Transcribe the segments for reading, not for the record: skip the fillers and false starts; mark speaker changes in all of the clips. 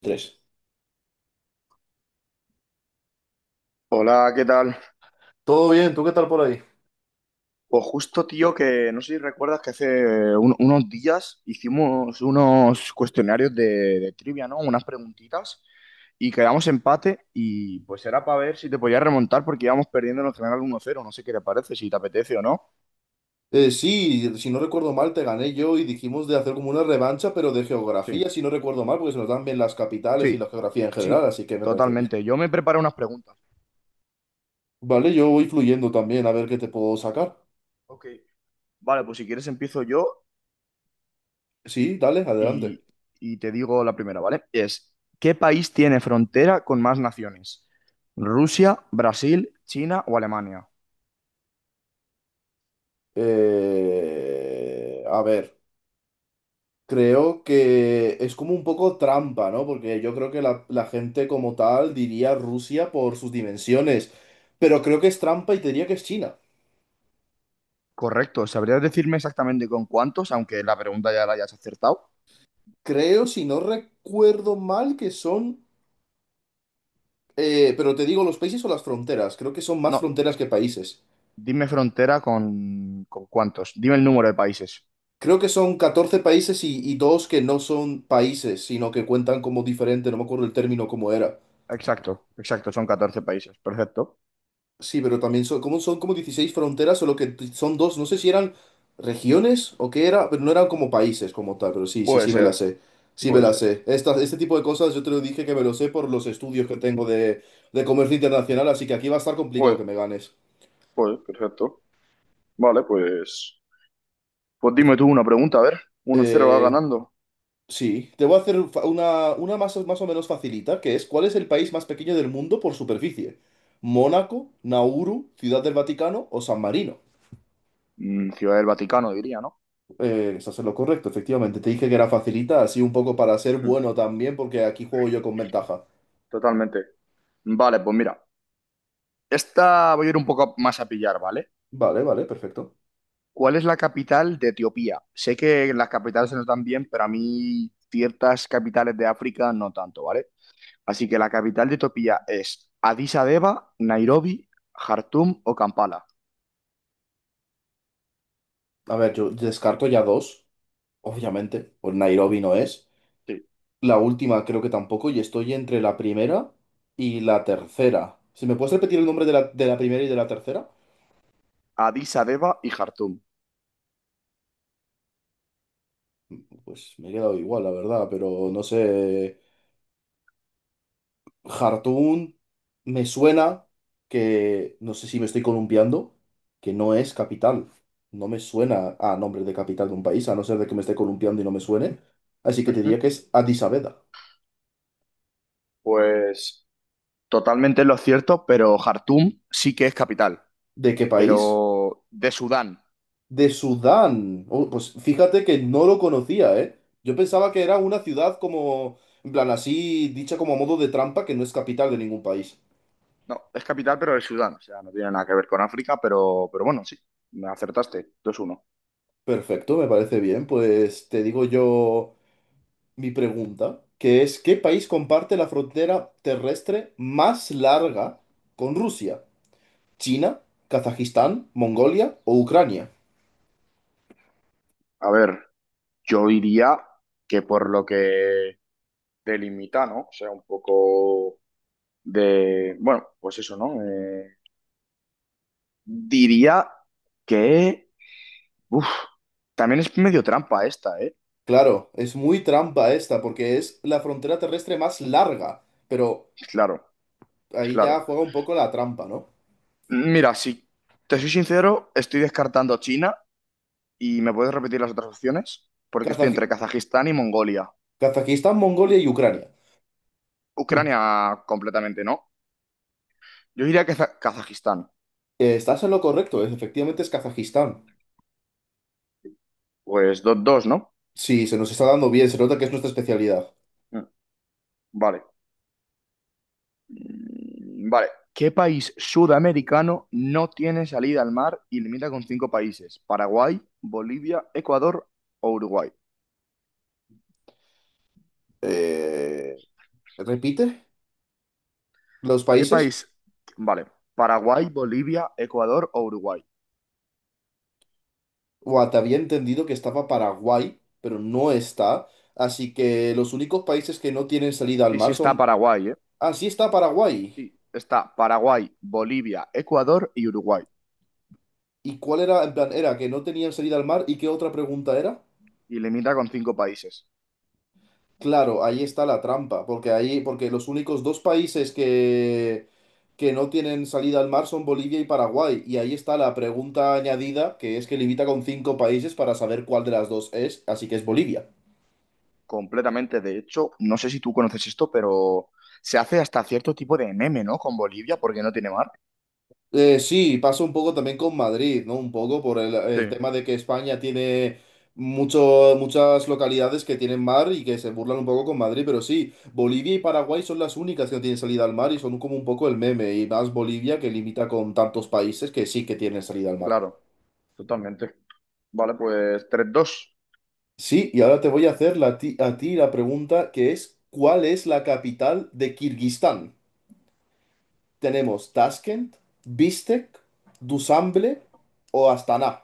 Speaker 1: Tres.
Speaker 2: Hola, ¿qué tal?
Speaker 1: Todo bien, ¿tú qué tal por ahí?
Speaker 2: Pues justo, tío, que no sé si recuerdas que hace unos días hicimos unos cuestionarios de trivia, ¿no? Unas preguntitas y quedamos empate y pues era para ver si te podías remontar porque íbamos perdiendo en el general 1-0. No sé qué te parece, si te apetece o no.
Speaker 1: Sí, si no recuerdo mal, te gané yo y dijimos de hacer como una revancha, pero de
Speaker 2: Sí,
Speaker 1: geografía, si no recuerdo mal, porque se nos dan bien las capitales y la
Speaker 2: sí,
Speaker 1: geografía en general,
Speaker 2: sí,
Speaker 1: así que me parece bien.
Speaker 2: totalmente. Yo me preparo unas preguntas.
Speaker 1: Vale, yo voy fluyendo también a ver qué te puedo sacar.
Speaker 2: Ok. Vale, pues si quieres empiezo yo
Speaker 1: Sí, dale, adelante.
Speaker 2: y, y te digo la primera, ¿vale? Es, ¿qué país tiene frontera con más naciones? ¿Rusia, Brasil, China o Alemania?
Speaker 1: A ver, creo que es como un poco trampa, ¿no? Porque yo creo que la gente como tal diría Rusia por sus dimensiones, pero creo que es trampa y te diría que es China.
Speaker 2: Correcto, ¿sabrías decirme exactamente con cuántos? Aunque la pregunta ya la hayas acertado.
Speaker 1: Creo, si no recuerdo mal, que son, pero te digo los países o las fronteras, creo que son más
Speaker 2: No,
Speaker 1: fronteras que países.
Speaker 2: dime frontera con cuántos. Dime el número de países.
Speaker 1: Creo que son 14 países y dos que no son países, sino que cuentan como diferente, no me acuerdo el término cómo era.
Speaker 2: Exacto, exacto, son 14 países. Perfecto.
Speaker 1: Sí, pero también son como 16 fronteras, solo que son dos, no sé si eran regiones o qué era, pero no eran como países como tal, pero sí, sí,
Speaker 2: Puede
Speaker 1: sí me la
Speaker 2: ser,
Speaker 1: sé. Sí me
Speaker 2: puede
Speaker 1: la
Speaker 2: ser.
Speaker 1: sé. Este tipo de cosas yo te lo dije que me lo sé por los estudios que tengo de comercio internacional, así que aquí va a estar complicado que
Speaker 2: Joder,
Speaker 1: me ganes.
Speaker 2: joder, perfecto. Vale, pues. Pues dime tú una pregunta, a ver. 1-0 va
Speaker 1: Eh,
Speaker 2: ganando.
Speaker 1: sí, te voy a hacer una más, más o menos facilita, que es ¿cuál es el país más pequeño del mundo por superficie? ¿Mónaco, Nauru, Ciudad del Vaticano o San Marino?
Speaker 2: Ciudad del Vaticano, diría, ¿no?
Speaker 1: Estás en lo correcto, efectivamente. Te dije que era facilita, así un poco para ser bueno también, porque aquí juego yo con ventaja.
Speaker 2: Totalmente. Vale, pues mira, esta voy a ir un poco más a pillar, ¿vale?
Speaker 1: Vale, vale, perfecto.
Speaker 2: ¿Cuál es la capital de Etiopía? Sé que las capitales se notan bien, pero a mí ciertas capitales de África no tanto, ¿vale? Así que la capital de Etiopía es Addis Abeba, Nairobi, Jartum o Kampala.
Speaker 1: A ver, yo descarto ya dos, obviamente. Pues Nairobi no es.
Speaker 2: Sí,
Speaker 1: La última creo que tampoco, y estoy entre la primera y la tercera. ¿Si me puedes repetir el nombre de la primera y de la tercera?
Speaker 2: Addis Abeba y Jartum.
Speaker 1: Pues me he quedado igual, la verdad, pero no sé. Jartún me suena que, no sé si me estoy columpiando, que no es capital. No me suena a nombre de capital de un país, a no ser de que me esté columpiando y no me suene. Así que te
Speaker 2: Ujú.
Speaker 1: diría que es Addis Abeba.
Speaker 2: Pues totalmente lo cierto, pero Jartum sí que es capital,
Speaker 1: ¿De qué país?
Speaker 2: pero de Sudán.
Speaker 1: De Sudán. Oh, pues fíjate que no lo conocía, ¿eh? Yo pensaba que era una ciudad como, en plan así, dicha como a modo de trampa, que no es capital de ningún país.
Speaker 2: No, es capital, pero de Sudán. O sea, no tiene nada que ver con África, pero bueno, sí, me acertaste. 2 uno.
Speaker 1: Perfecto, me parece bien. Pues te digo yo mi pregunta, que es, ¿qué país comparte la frontera terrestre más larga con Rusia? ¿China, Kazajistán, Mongolia o Ucrania?
Speaker 2: A ver, yo diría que por lo que delimita, ¿no? O sea, un poco de. Bueno, pues eso, ¿no? Diría que. Uf, también es medio trampa esta, ¿eh?
Speaker 1: Claro, es muy trampa esta, porque es la frontera terrestre más larga, pero
Speaker 2: Claro,
Speaker 1: ahí ya
Speaker 2: claro.
Speaker 1: juega un poco la trampa, ¿no?
Speaker 2: Mira, si te soy sincero, estoy descartando China y me puedes repetir las otras opciones, porque estoy entre
Speaker 1: Kazaji-
Speaker 2: Kazajistán y Mongolia.
Speaker 1: Kazajistán, Mongolia y Ucrania. Mm.
Speaker 2: Ucrania completamente no. Yo diría que Kazajistán.
Speaker 1: Estás en lo correcto, efectivamente es Kazajistán.
Speaker 2: Pues 2-2, ¿no?
Speaker 1: Sí, se nos está dando bien, se nota que es nuestra especialidad.
Speaker 2: Mm, vale. Vale. ¿Qué país sudamericano no tiene salida al mar y limita con cinco países? Paraguay, Bolivia, Ecuador o Uruguay.
Speaker 1: Eh, ¿Repite los
Speaker 2: ¿Qué
Speaker 1: países?
Speaker 2: país? Vale. Paraguay, Bolivia, Ecuador o Uruguay.
Speaker 1: Guau, había entendido que estaba Paraguay, pero no está. Así que los únicos países que no tienen salida al
Speaker 2: Sí, sí
Speaker 1: mar
Speaker 2: está
Speaker 1: son...
Speaker 2: Paraguay, ¿eh?
Speaker 1: Ah, sí está Paraguay.
Speaker 2: Sí, está Paraguay, Bolivia, Ecuador y Uruguay.
Speaker 1: ¿Y cuál era? En plan, era que no tenían salida al mar. ¿Y qué otra pregunta era?
Speaker 2: Y limita con cinco países.
Speaker 1: Claro, ahí está la trampa, porque ahí, porque los únicos dos países que no tienen salida al mar son Bolivia y Paraguay. Y ahí está la pregunta añadida, que es que limita con 5 países para saber cuál de las dos es, así que es Bolivia.
Speaker 2: Completamente. De hecho, no sé si tú conoces esto, pero se hace hasta cierto tipo de meme, ¿no? Con Bolivia, porque no tiene mar.
Speaker 1: Sí, pasa un poco también con Madrid, ¿no? Un poco por el
Speaker 2: Sí,
Speaker 1: tema de que España tiene mucho, muchas localidades que tienen mar y que se burlan un poco con Madrid, pero sí, Bolivia y Paraguay son las únicas que no tienen salida al mar y son como un poco el meme, y más Bolivia que limita con tantos países que sí que tienen salida al mar.
Speaker 2: claro, totalmente. Vale, pues 3-2.
Speaker 1: Sí, y ahora te voy a hacer la a ti la pregunta que es, ¿cuál es la capital de Kirguistán? Tenemos Tashkent, Bishkek, Dushanbe o Astana.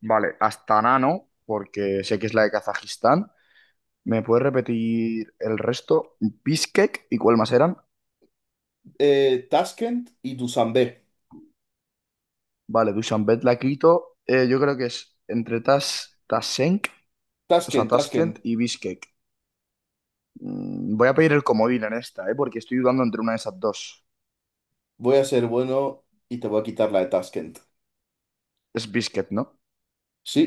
Speaker 2: Vale, Astana no, porque sé que es la de Kazajistán. ¿Me puedes repetir el resto? Bishkek, ¿y cuál más eran?
Speaker 1: Tashkent y Dusanbe.
Speaker 2: Vale, Dushanbe, la Quito. Yo creo que es entre tasenk, o sea,
Speaker 1: Tashkent,
Speaker 2: Tashkent
Speaker 1: Tashkent.
Speaker 2: y Bishkek. Voy a pedir el comodín en esta, ¿eh? Porque estoy dudando entre una de esas dos.
Speaker 1: Voy a ser bueno y te voy a quitar la de Tashkent.
Speaker 2: Es Bishkek, ¿no?
Speaker 1: Sí,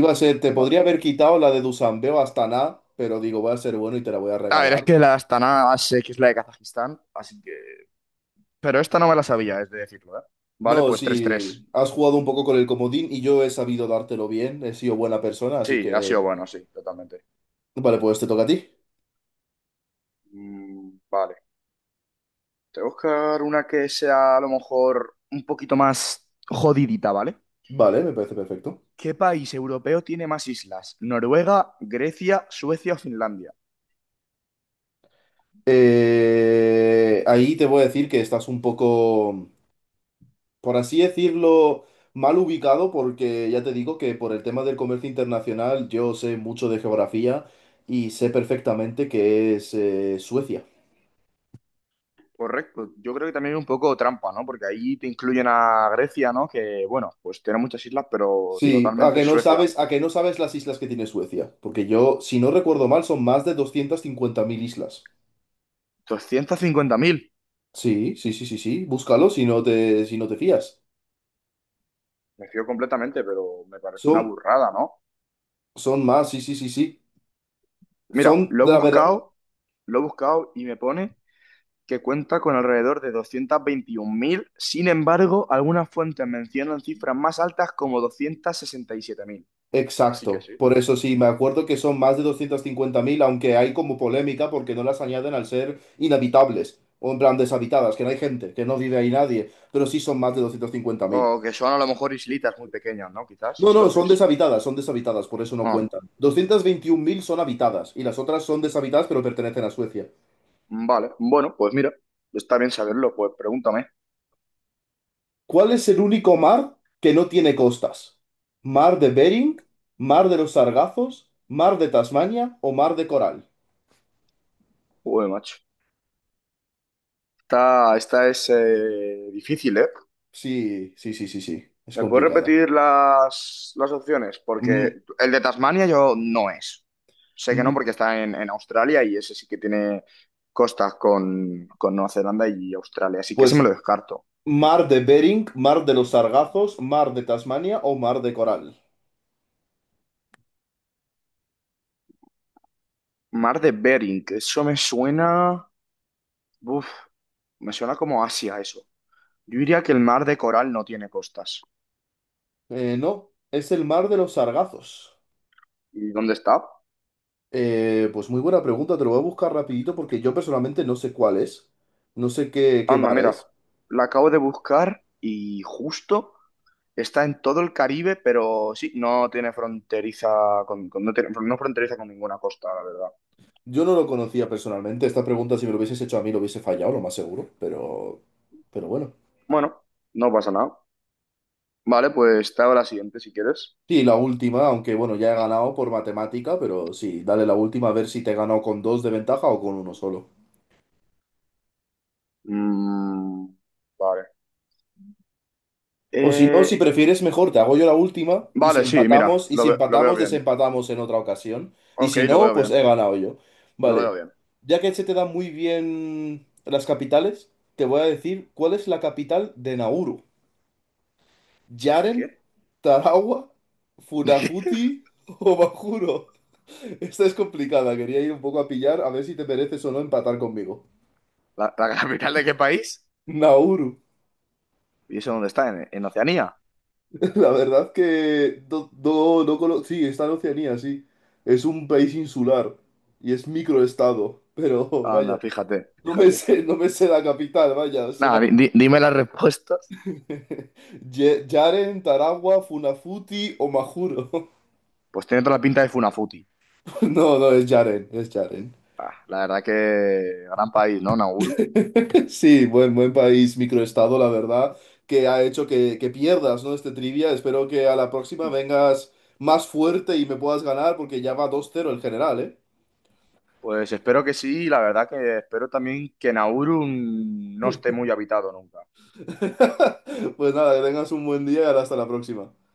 Speaker 1: iba a ser, te
Speaker 2: Vale.
Speaker 1: podría haber quitado la de Dusanbe o Astana, pero digo, voy a ser bueno y te la voy a
Speaker 2: A ver, es
Speaker 1: regalar.
Speaker 2: que la de Astana más sé que es la de Kazajistán, así que... Pero esta no me la sabía, es de decirlo, ¿eh? Vale,
Speaker 1: No,
Speaker 2: pues 3-3.
Speaker 1: sí, has jugado un poco con el comodín y yo he sabido dártelo bien, he sido buena persona, así
Speaker 2: Sí, ha sido
Speaker 1: que...
Speaker 2: bueno, sí, totalmente.
Speaker 1: Vale, pues te toca a ti.
Speaker 2: Vale. Te voy a buscar una que sea a lo mejor un poquito más jodidita, ¿vale?
Speaker 1: Vale, me parece perfecto.
Speaker 2: ¿Qué país europeo tiene más islas? ¿Noruega, Grecia, Suecia o Finlandia?
Speaker 1: Ahí te voy a decir que estás un poco... por así decirlo, mal ubicado, porque ya te digo que por el tema del comercio internacional yo sé mucho de geografía y sé perfectamente que es Suecia.
Speaker 2: Correcto. Yo creo que también es un poco trampa, ¿no? Porque ahí te incluyen a Grecia, ¿no? Que, bueno, pues tiene muchas islas, pero
Speaker 1: Sí, a
Speaker 2: totalmente
Speaker 1: que
Speaker 2: es
Speaker 1: no
Speaker 2: Suecia.
Speaker 1: sabes, a que no sabes las islas que tiene Suecia, porque yo, si no recuerdo mal, son más de 250.000 islas.
Speaker 2: ¿250.000?
Speaker 1: Sí, sí, sí, sí, sí, búscalo si no te, si no te fías.
Speaker 2: Me fío completamente, pero me parece una
Speaker 1: Son,
Speaker 2: burrada, ¿no?
Speaker 1: son más, sí, sí, sí, sí.
Speaker 2: Mira,
Speaker 1: Son,
Speaker 2: lo he
Speaker 1: la verdad.
Speaker 2: buscado, lo he buscado y me pone que cuenta con alrededor de 221.000. Sin embargo, algunas fuentes mencionan cifras más altas, como 267.000. Así que
Speaker 1: Exacto,
Speaker 2: sí.
Speaker 1: por eso sí, me acuerdo que son más de 250.000, aunque hay como polémica porque no las añaden al ser inhabitables, o en plan deshabitadas, que no hay gente, que no vive ahí nadie, pero sí son más de doscientos cincuenta
Speaker 2: O
Speaker 1: mil.
Speaker 2: que son a lo mejor islitas muy pequeñas, ¿no? Quizás
Speaker 1: No, no,
Speaker 2: islotes.
Speaker 1: son deshabitadas, por eso no
Speaker 2: Ah,
Speaker 1: cuentan. 221.000 son habitadas y las otras son deshabitadas pero pertenecen a Suecia.
Speaker 2: vale. Bueno, pues mira, está bien saberlo, pues pregúntame.
Speaker 1: ¿Cuál es el único mar que no tiene costas? ¿Mar de Bering? ¿Mar de los Sargazos? ¿Mar de Tasmania o mar de Coral?
Speaker 2: Joder, macho. Esta es, difícil, ¿eh?
Speaker 1: Sí, sí, sí, sí, sí, es
Speaker 2: ¿Me puedes
Speaker 1: complicada.
Speaker 2: repetir las opciones? Porque
Speaker 1: Mm,
Speaker 2: el de Tasmania yo no es. Sé que no
Speaker 1: M-
Speaker 2: porque está en Australia y ese sí que tiene costas con Nueva Zelanda y Australia, así que
Speaker 1: Pues
Speaker 2: ese me lo descarto.
Speaker 1: mar de Bering, mar de los Sargazos, mar de Tasmania o mar de Coral.
Speaker 2: Mar de Bering, que eso me suena... Uf, me suena como Asia eso. Yo diría que el mar de Coral no tiene costas.
Speaker 1: No, es el mar de los Sargazos.
Speaker 2: ¿Y dónde está?
Speaker 1: Pues muy buena pregunta, te lo voy a buscar rapidito porque yo personalmente no sé cuál es. No sé qué, qué
Speaker 2: Anda,
Speaker 1: mar
Speaker 2: mira,
Speaker 1: es.
Speaker 2: la acabo de buscar y justo... Está en todo el Caribe, pero sí, no tiene fronteriza no fronteriza con ninguna costa, la verdad.
Speaker 1: Yo no lo conocía personalmente. Esta pregunta, si me lo hubieses hecho a mí, lo hubiese fallado, lo más seguro. Pero bueno.
Speaker 2: Bueno, no pasa nada. Vale, pues te hago la siguiente si quieres.
Speaker 1: Sí, la última, aunque bueno, ya he ganado por matemática, pero sí, dale la última a ver si te he ganado con dos de ventaja o con uno solo.
Speaker 2: Mm, vale.
Speaker 1: O si no, si
Speaker 2: Eh,
Speaker 1: prefieres mejor, te hago yo la última y si, sí,
Speaker 2: vale, sí, mira,
Speaker 1: empatamos, y si
Speaker 2: lo veo
Speaker 1: empatamos,
Speaker 2: bien.
Speaker 1: desempatamos en otra ocasión. Y
Speaker 2: Ok,
Speaker 1: si
Speaker 2: lo
Speaker 1: no,
Speaker 2: veo
Speaker 1: pues he
Speaker 2: bien.
Speaker 1: ganado yo.
Speaker 2: Lo veo
Speaker 1: Vale.
Speaker 2: bien.
Speaker 1: Ya que se te dan muy bien las capitales, te voy a decir cuál es la capital de Nauru.
Speaker 2: ¿De
Speaker 1: Yaren,
Speaker 2: qué?
Speaker 1: Tarawa,
Speaker 2: ¿De qué?
Speaker 1: Funafuti o Bajuro. Esta es complicada, quería ir un poco a pillar a ver si te mereces o no empatar conmigo.
Speaker 2: ¿La capital de qué país?
Speaker 1: Nauru.
Speaker 2: ¿Y eso dónde está? ¿En Oceanía?
Speaker 1: La verdad que no, no, no sí, está en Oceanía, sí. Es un país insular y es microestado, pero
Speaker 2: Anda,
Speaker 1: vaya,
Speaker 2: fíjate,
Speaker 1: no me
Speaker 2: fíjate.
Speaker 1: sé, no me sé la capital, vaya, o sea,
Speaker 2: Nada, dime las respuestas.
Speaker 1: Yaren, Taragua, Funafuti o Majuro.
Speaker 2: Pues tiene toda la pinta de Funafuti.
Speaker 1: No, no, es Yaren, es Yaren.
Speaker 2: Ah, la verdad que gran país, ¿no? Nauru.
Speaker 1: Sí, buen, buen país, microestado, la verdad, que ha hecho que, pierdas, ¿no? Este trivia. Espero que a la próxima vengas más fuerte y me puedas ganar porque ya va 2-0 el general, ¿eh?
Speaker 2: Pues espero que sí, y la verdad que espero también que Nauru no esté muy habitado nunca.
Speaker 1: Pues nada, que tengas un buen día y hasta la próxima.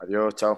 Speaker 2: Adiós, chao.